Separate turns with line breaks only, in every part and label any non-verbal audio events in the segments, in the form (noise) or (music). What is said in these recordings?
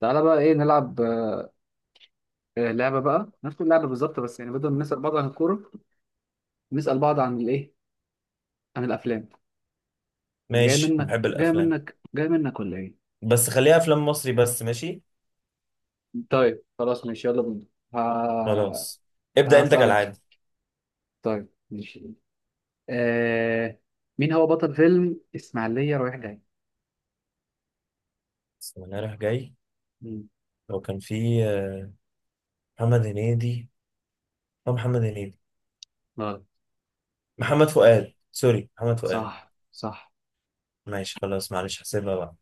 تعالى بقى ايه نلعب. لعبه بقى نفس اللعبه بالظبط بس يعني بدل ما نسال بعض عن الكوره، نسال بعض عن الايه، عن الافلام. جاي
ماشي
منك
بحب
جاي
الافلام.
منك جاي منك ولا ايه؟
بس خليها افلام مصري بس. ماشي
طيب خلاص ماشي يلا بينا. ه...
خلاص. ابدأ انت
هسألك.
كالعادة.
طيب ماشي. آه... مين هو بطل فيلم إسماعيلية رايح جاي؟
بسم الله رايح جاي.
مم.
لو كان في محمد هنيدي أو محمد هنيدي.
غلط.
محمد فؤاد، سوري محمد فؤاد.
صح صح.
ماشي خلاص، معلش هحسبها بقى.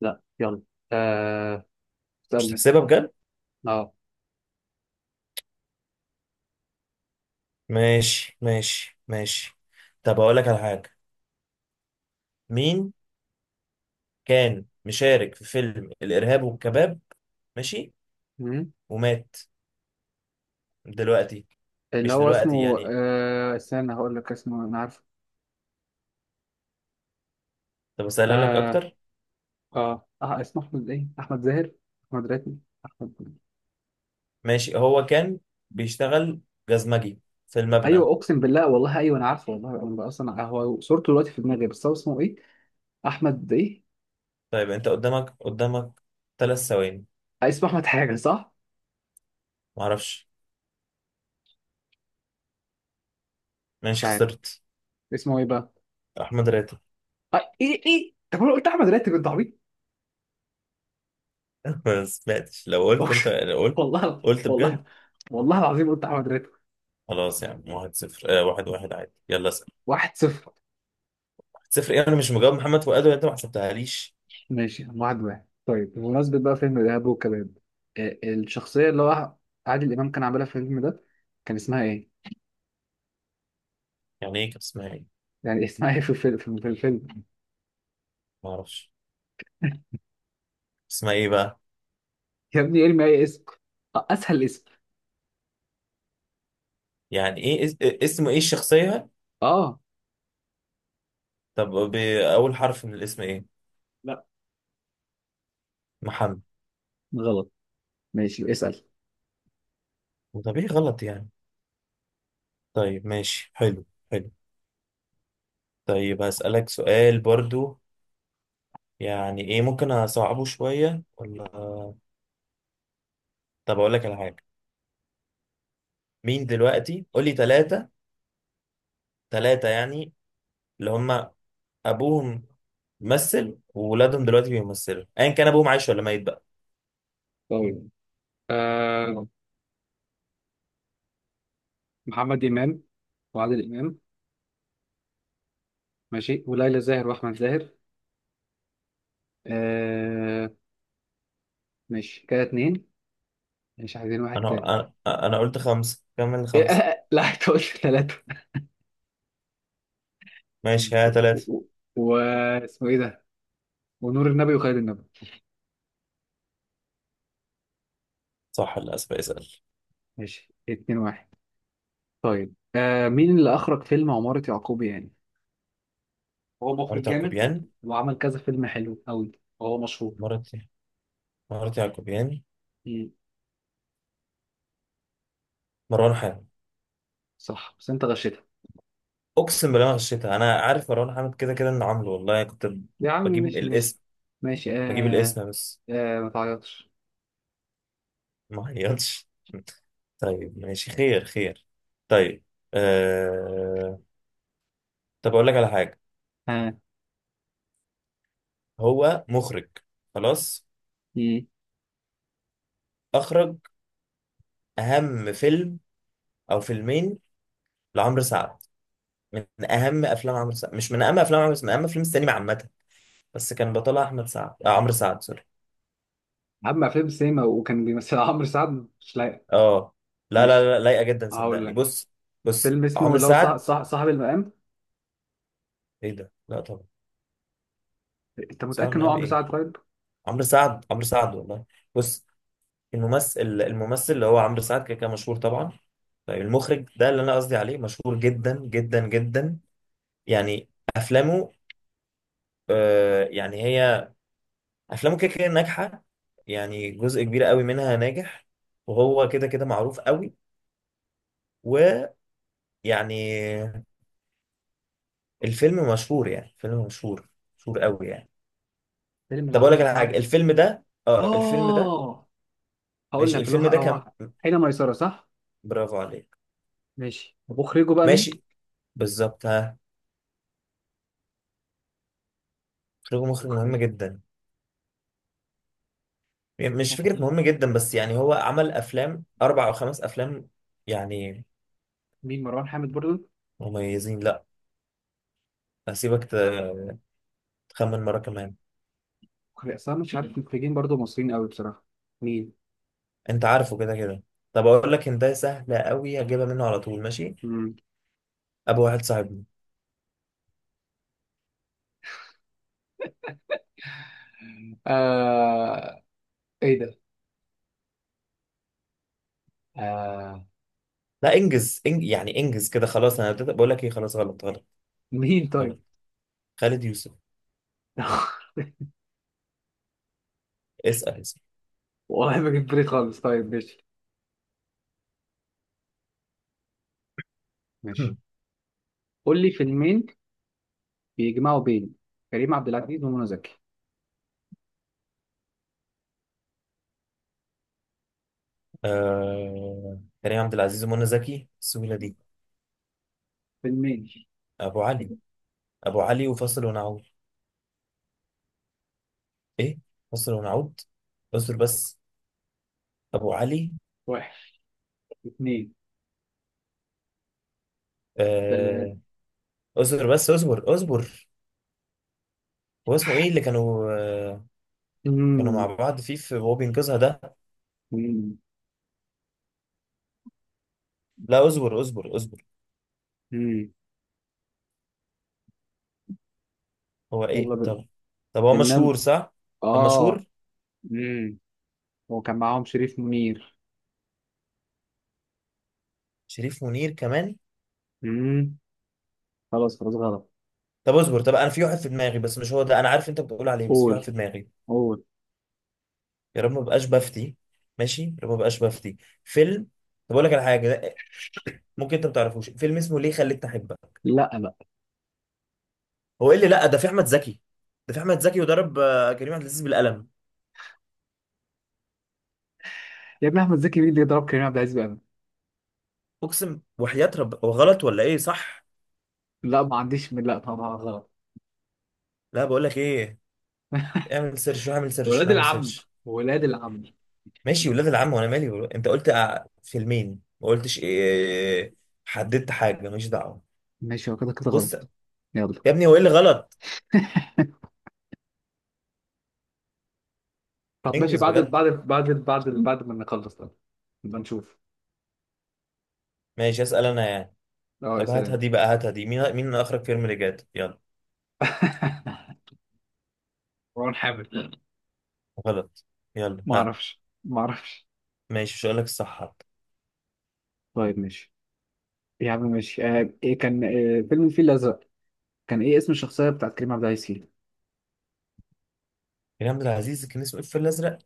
لا يلا. آه...
مش
استنى.
تحسبها بجد.
اه.
ماشي ماشي ماشي. طب اقول لك على حاجة، مين كان مشارك في فيلم الإرهاب والكباب؟ ماشي.
مم.
ومات دلوقتي.
اللي
مش
هو
دلوقتي
اسمه
يعني.
استنى هقول لك اسمه انا عارفه.
طب اسألها لك
آه...
اكتر.
اه اسمه احمد ايه، احمد زاهر، احمد راتب، احمد.
ماشي، هو كان بيشتغل جزمجي في
ايوه
المبنى.
اقسم بالله والله، ايوه انا عارفه والله، انا بقى اصلا هو صورته دلوقتي في دماغي بس هو اسمه ايه؟ احمد ايه؟
طيب انت قدامك قدامك 3 ثواني.
اسمه احمد حاجه صح.
معرفش.
مش
ماشي
عارف
خسرت.
اسمه ايه بقى.
احمد راتب.
ايه ايه، طب انا قلت احمد راتب انت عبيط.
(laughs) ما سمعتش، لو قلت انت
(laughs)
لو قلت،
والله
قلت بجد.
والله. والله العظيم قلت احمد راتب.
خلاص يا عم، 1-0 1-1 عادي، يلا اسال.
واحد صفر.
1-0 ايه، انا مش مجاوب محمد فؤاد وانت ما حسبتهاليش.
ماشي واحد واحد. طيب بمناسبة بقى فيلم الإرهاب والكباب، الشخصية اللي هو عادل إمام كان عاملها في الفيلم ده، كان اسمها ايه؟
يعني ايه كان اسمها ايه؟
يعني (laughs) اسمها ايه في الفيلم.
معرفش. اسمها ايه بقى؟
يا ابني ارمي اي اسم، اسهل اسم.
يعني ايه اسمه ايه الشخصية؟
اه.
طب اول حرف من الاسم ايه؟
لا.
محمد.
غلط. ماشي اسال.
طب ايه غلط يعني؟ طيب ماشي، حلو. حلو. طيب هسألك سؤال برضو، يعني ايه، ممكن اصعبه شوية ولا. طب اقول لك على حاجة. مين دلوقتي، قول لي ثلاثة. ثلاثة يعني اللي هم ابوهم ممثل وولادهم دلوقتي بيمثلوا، ايا كان ابوهم عايش ولا ميت بقى.
طيب آه محمد امام وعادل امام. ماشي وليلى زاهر واحمد زاهر. آه. ماشي كده اتنين، مش عايزين واحد تاني؟
انا انا انا قلت خمسة، كمل
(laughs) إيه،
خمسة.
آه، لا انت قلت ثلاثة.
ماشي، ها
و-
ثلاثة.
و- واسمه ايه ده، ونور النبي وخالد النبي.
صح، للاسف اسأل.
ماشي اتنين واحد. طيب مين اللي اخرج فيلم عمارة يعقوبيان؟ هو مخرج
مرات
جامد
يعقوبيان.
وعمل كذا فيلم حلو قوي، وهو مشهور.
مرات مرات يعقوبيان، مروان حامد.
صح بس انت غشيتها.
اقسم بالله ما غشيتها، انا عارف مروان حامد كده كده انه عامله، والله كنت
يا عم
بجيب
ماشي ماشي
الاسم،
ماشي.
بجيب الاسم بس.
ما تعيطش.
ما عيطش. (laughs) طيب ماشي، خير خير. طيب. آه... طب أقول لك على حاجة،
ها.
هو مخرج. خلاص.
مم.
أخرج أهم فيلم أو فيلمين لعمرو سعد. من أهم أفلام عمرو سعد، مش من أهم أفلام عمرو سعد، من أهم أفلام السينما عامة. بس كان بطلها أحمد سعد، آه عمرو سعد سوري.
عم افلام السينما وكان بيمثل (laughs) عمرو سعد مش لايق.
أه. لا لا
ماشي
لا، لايقة جدا
هقول
صدقني.
لك
بص. بص
فيلم اسمه
عمرو
لو صح،
سعد.
صح صاحب المقام.
إيه ده؟ لا طبعا.
انت
سعد
متاكد ان
من
هو
أهم
عمرو
إيه؟
سعد؟ طيب.
عمرو سعد، عمرو سعد والله. بص. الممثل اللي هو عمرو سعد كده كده مشهور طبعا. طيب المخرج ده اللي انا قصدي عليه مشهور جدا جدا جدا. يعني افلامه، يعني هي افلامه كده كده ناجحه، يعني جزء كبير قوي منها ناجح، وهو كده كده معروف قوي، ويعني الفيلم مشهور، يعني فيلم مشهور، مشهور قوي يعني.
فيلم
طب اقول لك
لعمرو
على
سعد.
حاجه، الفيلم ده اه الفيلم ده،
اه. هقول
ماشي
لك اللي هو
الفيلم ده كان.
هو- حين ميسره، صح؟
برافو عليك.
ماشي طب مخرجه بقى مين؟
ماشي، بالظبط ها. مخرج مهم
مخرج
جدا، يعني مش فكرة
مخرج.
مهم جدا، بس يعني هو عمل أفلام أربع أو خمس أفلام يعني
مين، مروان حامد برضه؟
مميزين. لأ. هسيبك تخمن مرة كمان.
مخرج اصلا مش عارف مخرجين برضه مصريين قوي بصراحه. مين؟
أنت عارفه كده كده. طب أقول لك، أنت سهلة أوي هجيبها منه على طول. ماشي.
مم.
أبو واحد صاحبنا.
آه... ايه ده؟ آه.
لا، يعني إنجز كده. خلاص أنا بدأت بقول لك إيه، خلاص غلط غلط.
مين طيب؟
غلط. خالد يوسف.
(laughs)
اسأل اسأل.
والله ما جيب بالي خالص. طيب ماشي ماشي.
(clears throat)
قول لي فيلمين بيجمعوا بين كريم عبد العزيز ومنى زكي.
كريم عبد العزيز ومنى زكي، السهولة دي؟
فيلمين.
أبو علي. أبو علي وفاصل ونعود. إيه، فاصل ونعود، اصبر بس. أبو علي.
واحد، اثنين، ثلاثة.
آه، اصبر بس اصبر اصبر. هو اسمه ايه اللي كانوا، كانوا مع
امم
بعض فيه، في وهو بينقذها ده.
امم
لا اصبر اصبر اصبر.
امم
هو
يلا
ايه
بقى
طب؟ طب هو
بننام.
مشهور صح. طب
اه.
مشهور.
امم هو كان معاهم شريف منير.
شريف منير كمان.
امم خلاص خلاص غلط.
طب اصبر، طب انا في واحد في دماغي بس مش هو ده، انا عارف انت بتقول عليه بس في واحد
قول
في دماغي.
قول.
يا رب ما بقاش بفتي. ماشي يا رب ما بقاش بفتي. فيلم. طب اقول لك على حاجه ده، ممكن انت ما تعرفوش فيلم اسمه ليه خليتني احبك.
لا بقى،
هو ايه اللي، لا ده في احمد زكي، ده في احمد زكي وضرب كريم عبد العزيز بالقلم.
يا ابني احمد زكي مين اللي يضرب كريم عبد العزيز بقى؟
اقسم وحياة رب، هو غلط ولا ايه صح؟
لا ما عنديش من، لا طبعا غلط.
لا بقول لك ايه،
(laughs)
اعمل سيرش واعمل سيرش
ولاد
واعمل
العم،
سيرش.
ولاد العم.
ماشي ولاد العم، وانا مالي انت قلت فيلمين ما قلتش إيه. حددت حاجه، ماليش دعوه.
ماشي هو كده كده
بص.
غلط. يلا.
يا ابني هو ايه اللي غلط؟
(laughs) طب ماشي
انجز
بعد
بجد.
بعد بعد بعد بعد ما نخلص ده نبقى نشوف.
ماشي اسال انا يعني.
اه
طب
اسال
هاتها
انت.
دي بقى، هاتها دي، مين مين اخرج فيلم اللي جات؟ يلا.
(laughs) مروان حامد.
غلط. يلا
ما
ها.
اعرفش ما اعرفش.
ماشي مش هقول لك الصح حتى.
طيب ماشي. يا عم ماشي ايه كان فيلم الفيل الازرق، كان ايه اسم الشخصيه بتاعت كريم عبد العزيز فيه؟
كريم عبد العزيز كان اسمه ايه في الفيل الازرق؟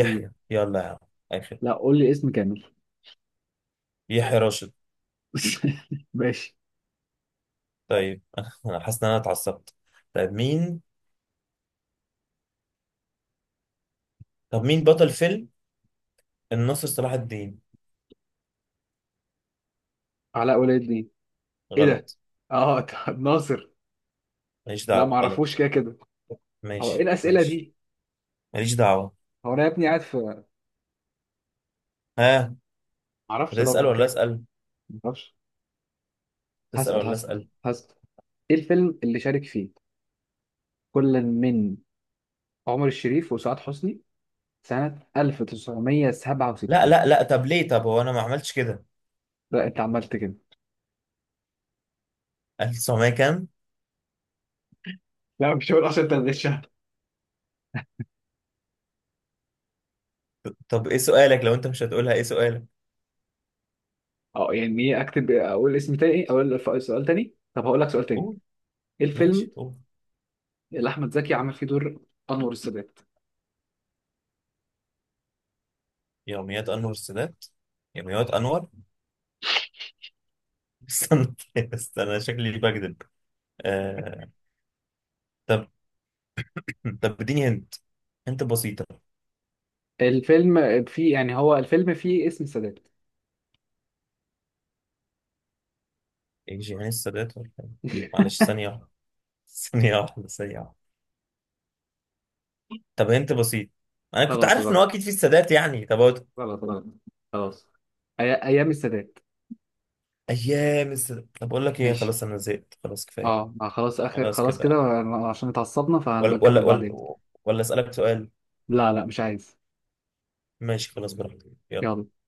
امم
يلا يا عم. اخر.
لا قول لي اسم كامل.
يحيى راشد.
(laughs) ماشي.
طيب (laughs) انا حاسس ان انا اتعصبت. طيب مين؟ طب مين بطل فيلم الناصر صلاح الدين؟
علاء ولي الدين. ايه ده؟
غلط.
اه (laughs) طب ناصر.
ماليش
لا ما
دعوة،
اعرفوش
غلط.
كده كده. هو ايه
ماشي
الاسئله
ماشي.
دي؟
ماليش دعوة.
هو انا يا ابني قاعد في، ما
ها.
اعرفش
هتسأل
طبعا
ولا
كده كده.
أسأل؟
ما اعرفش.
تسأل
هسأل
ولا
هسأل
أسأل؟
هسأل. إيه الفيلم اللي شارك فيه كل من عمر الشريف وسعاد حسني سنة
لا
1967؟
لا لا، طب ليه، طب هو أنا ما عملتش كده.
لا أنت عملت كده.
1900 كام؟
لا مش هقول، اصلا انت غشها.
طب إيه سؤالك لو أنت مش هتقولها، إيه سؤالك؟
يعني إيه أكتب، أقول اسم تاني، أقول سؤال تاني. طب هقول لك سؤال تاني.
قول.
إيه الفيلم
ماشي قول.
اللي أحمد زكي عمل فيه دور أنور السادات؟
يوميات أنور السادات. يوميات أنور. (laughs) استنى استنى، شكلي بكذب. آه... طب. طب اديني هنت، هنت بسيطة.
الفيلم فيه، يعني هو الفيلم فيه اسم السادات.
إيه جيهان السادات ولا إيه؟ معلش
(laughs)
ثانية واحدة. (laughs) ثانية واحدة ثانية واحدة. طب هنت بسيط. انا كنت
خلاص
عارف ان هو
غلط
اكيد في السادات يعني.
غلط غلط خلاص. أيام السادات.
ايام السادات. طب اقول لك ايه،
ماشي.
خلاص انا زهقت، خلاص كفايه.
خلاص اخر
خلاص
خلاص كده
كده.
عشان اتعصبنا فهنبقى
ولا
نكمل
ولا ولا.
بعدين.
ولا اسالك سؤال.
لا لا مش عايز.
ماشي خلاص براحتك، يلا.
يلا.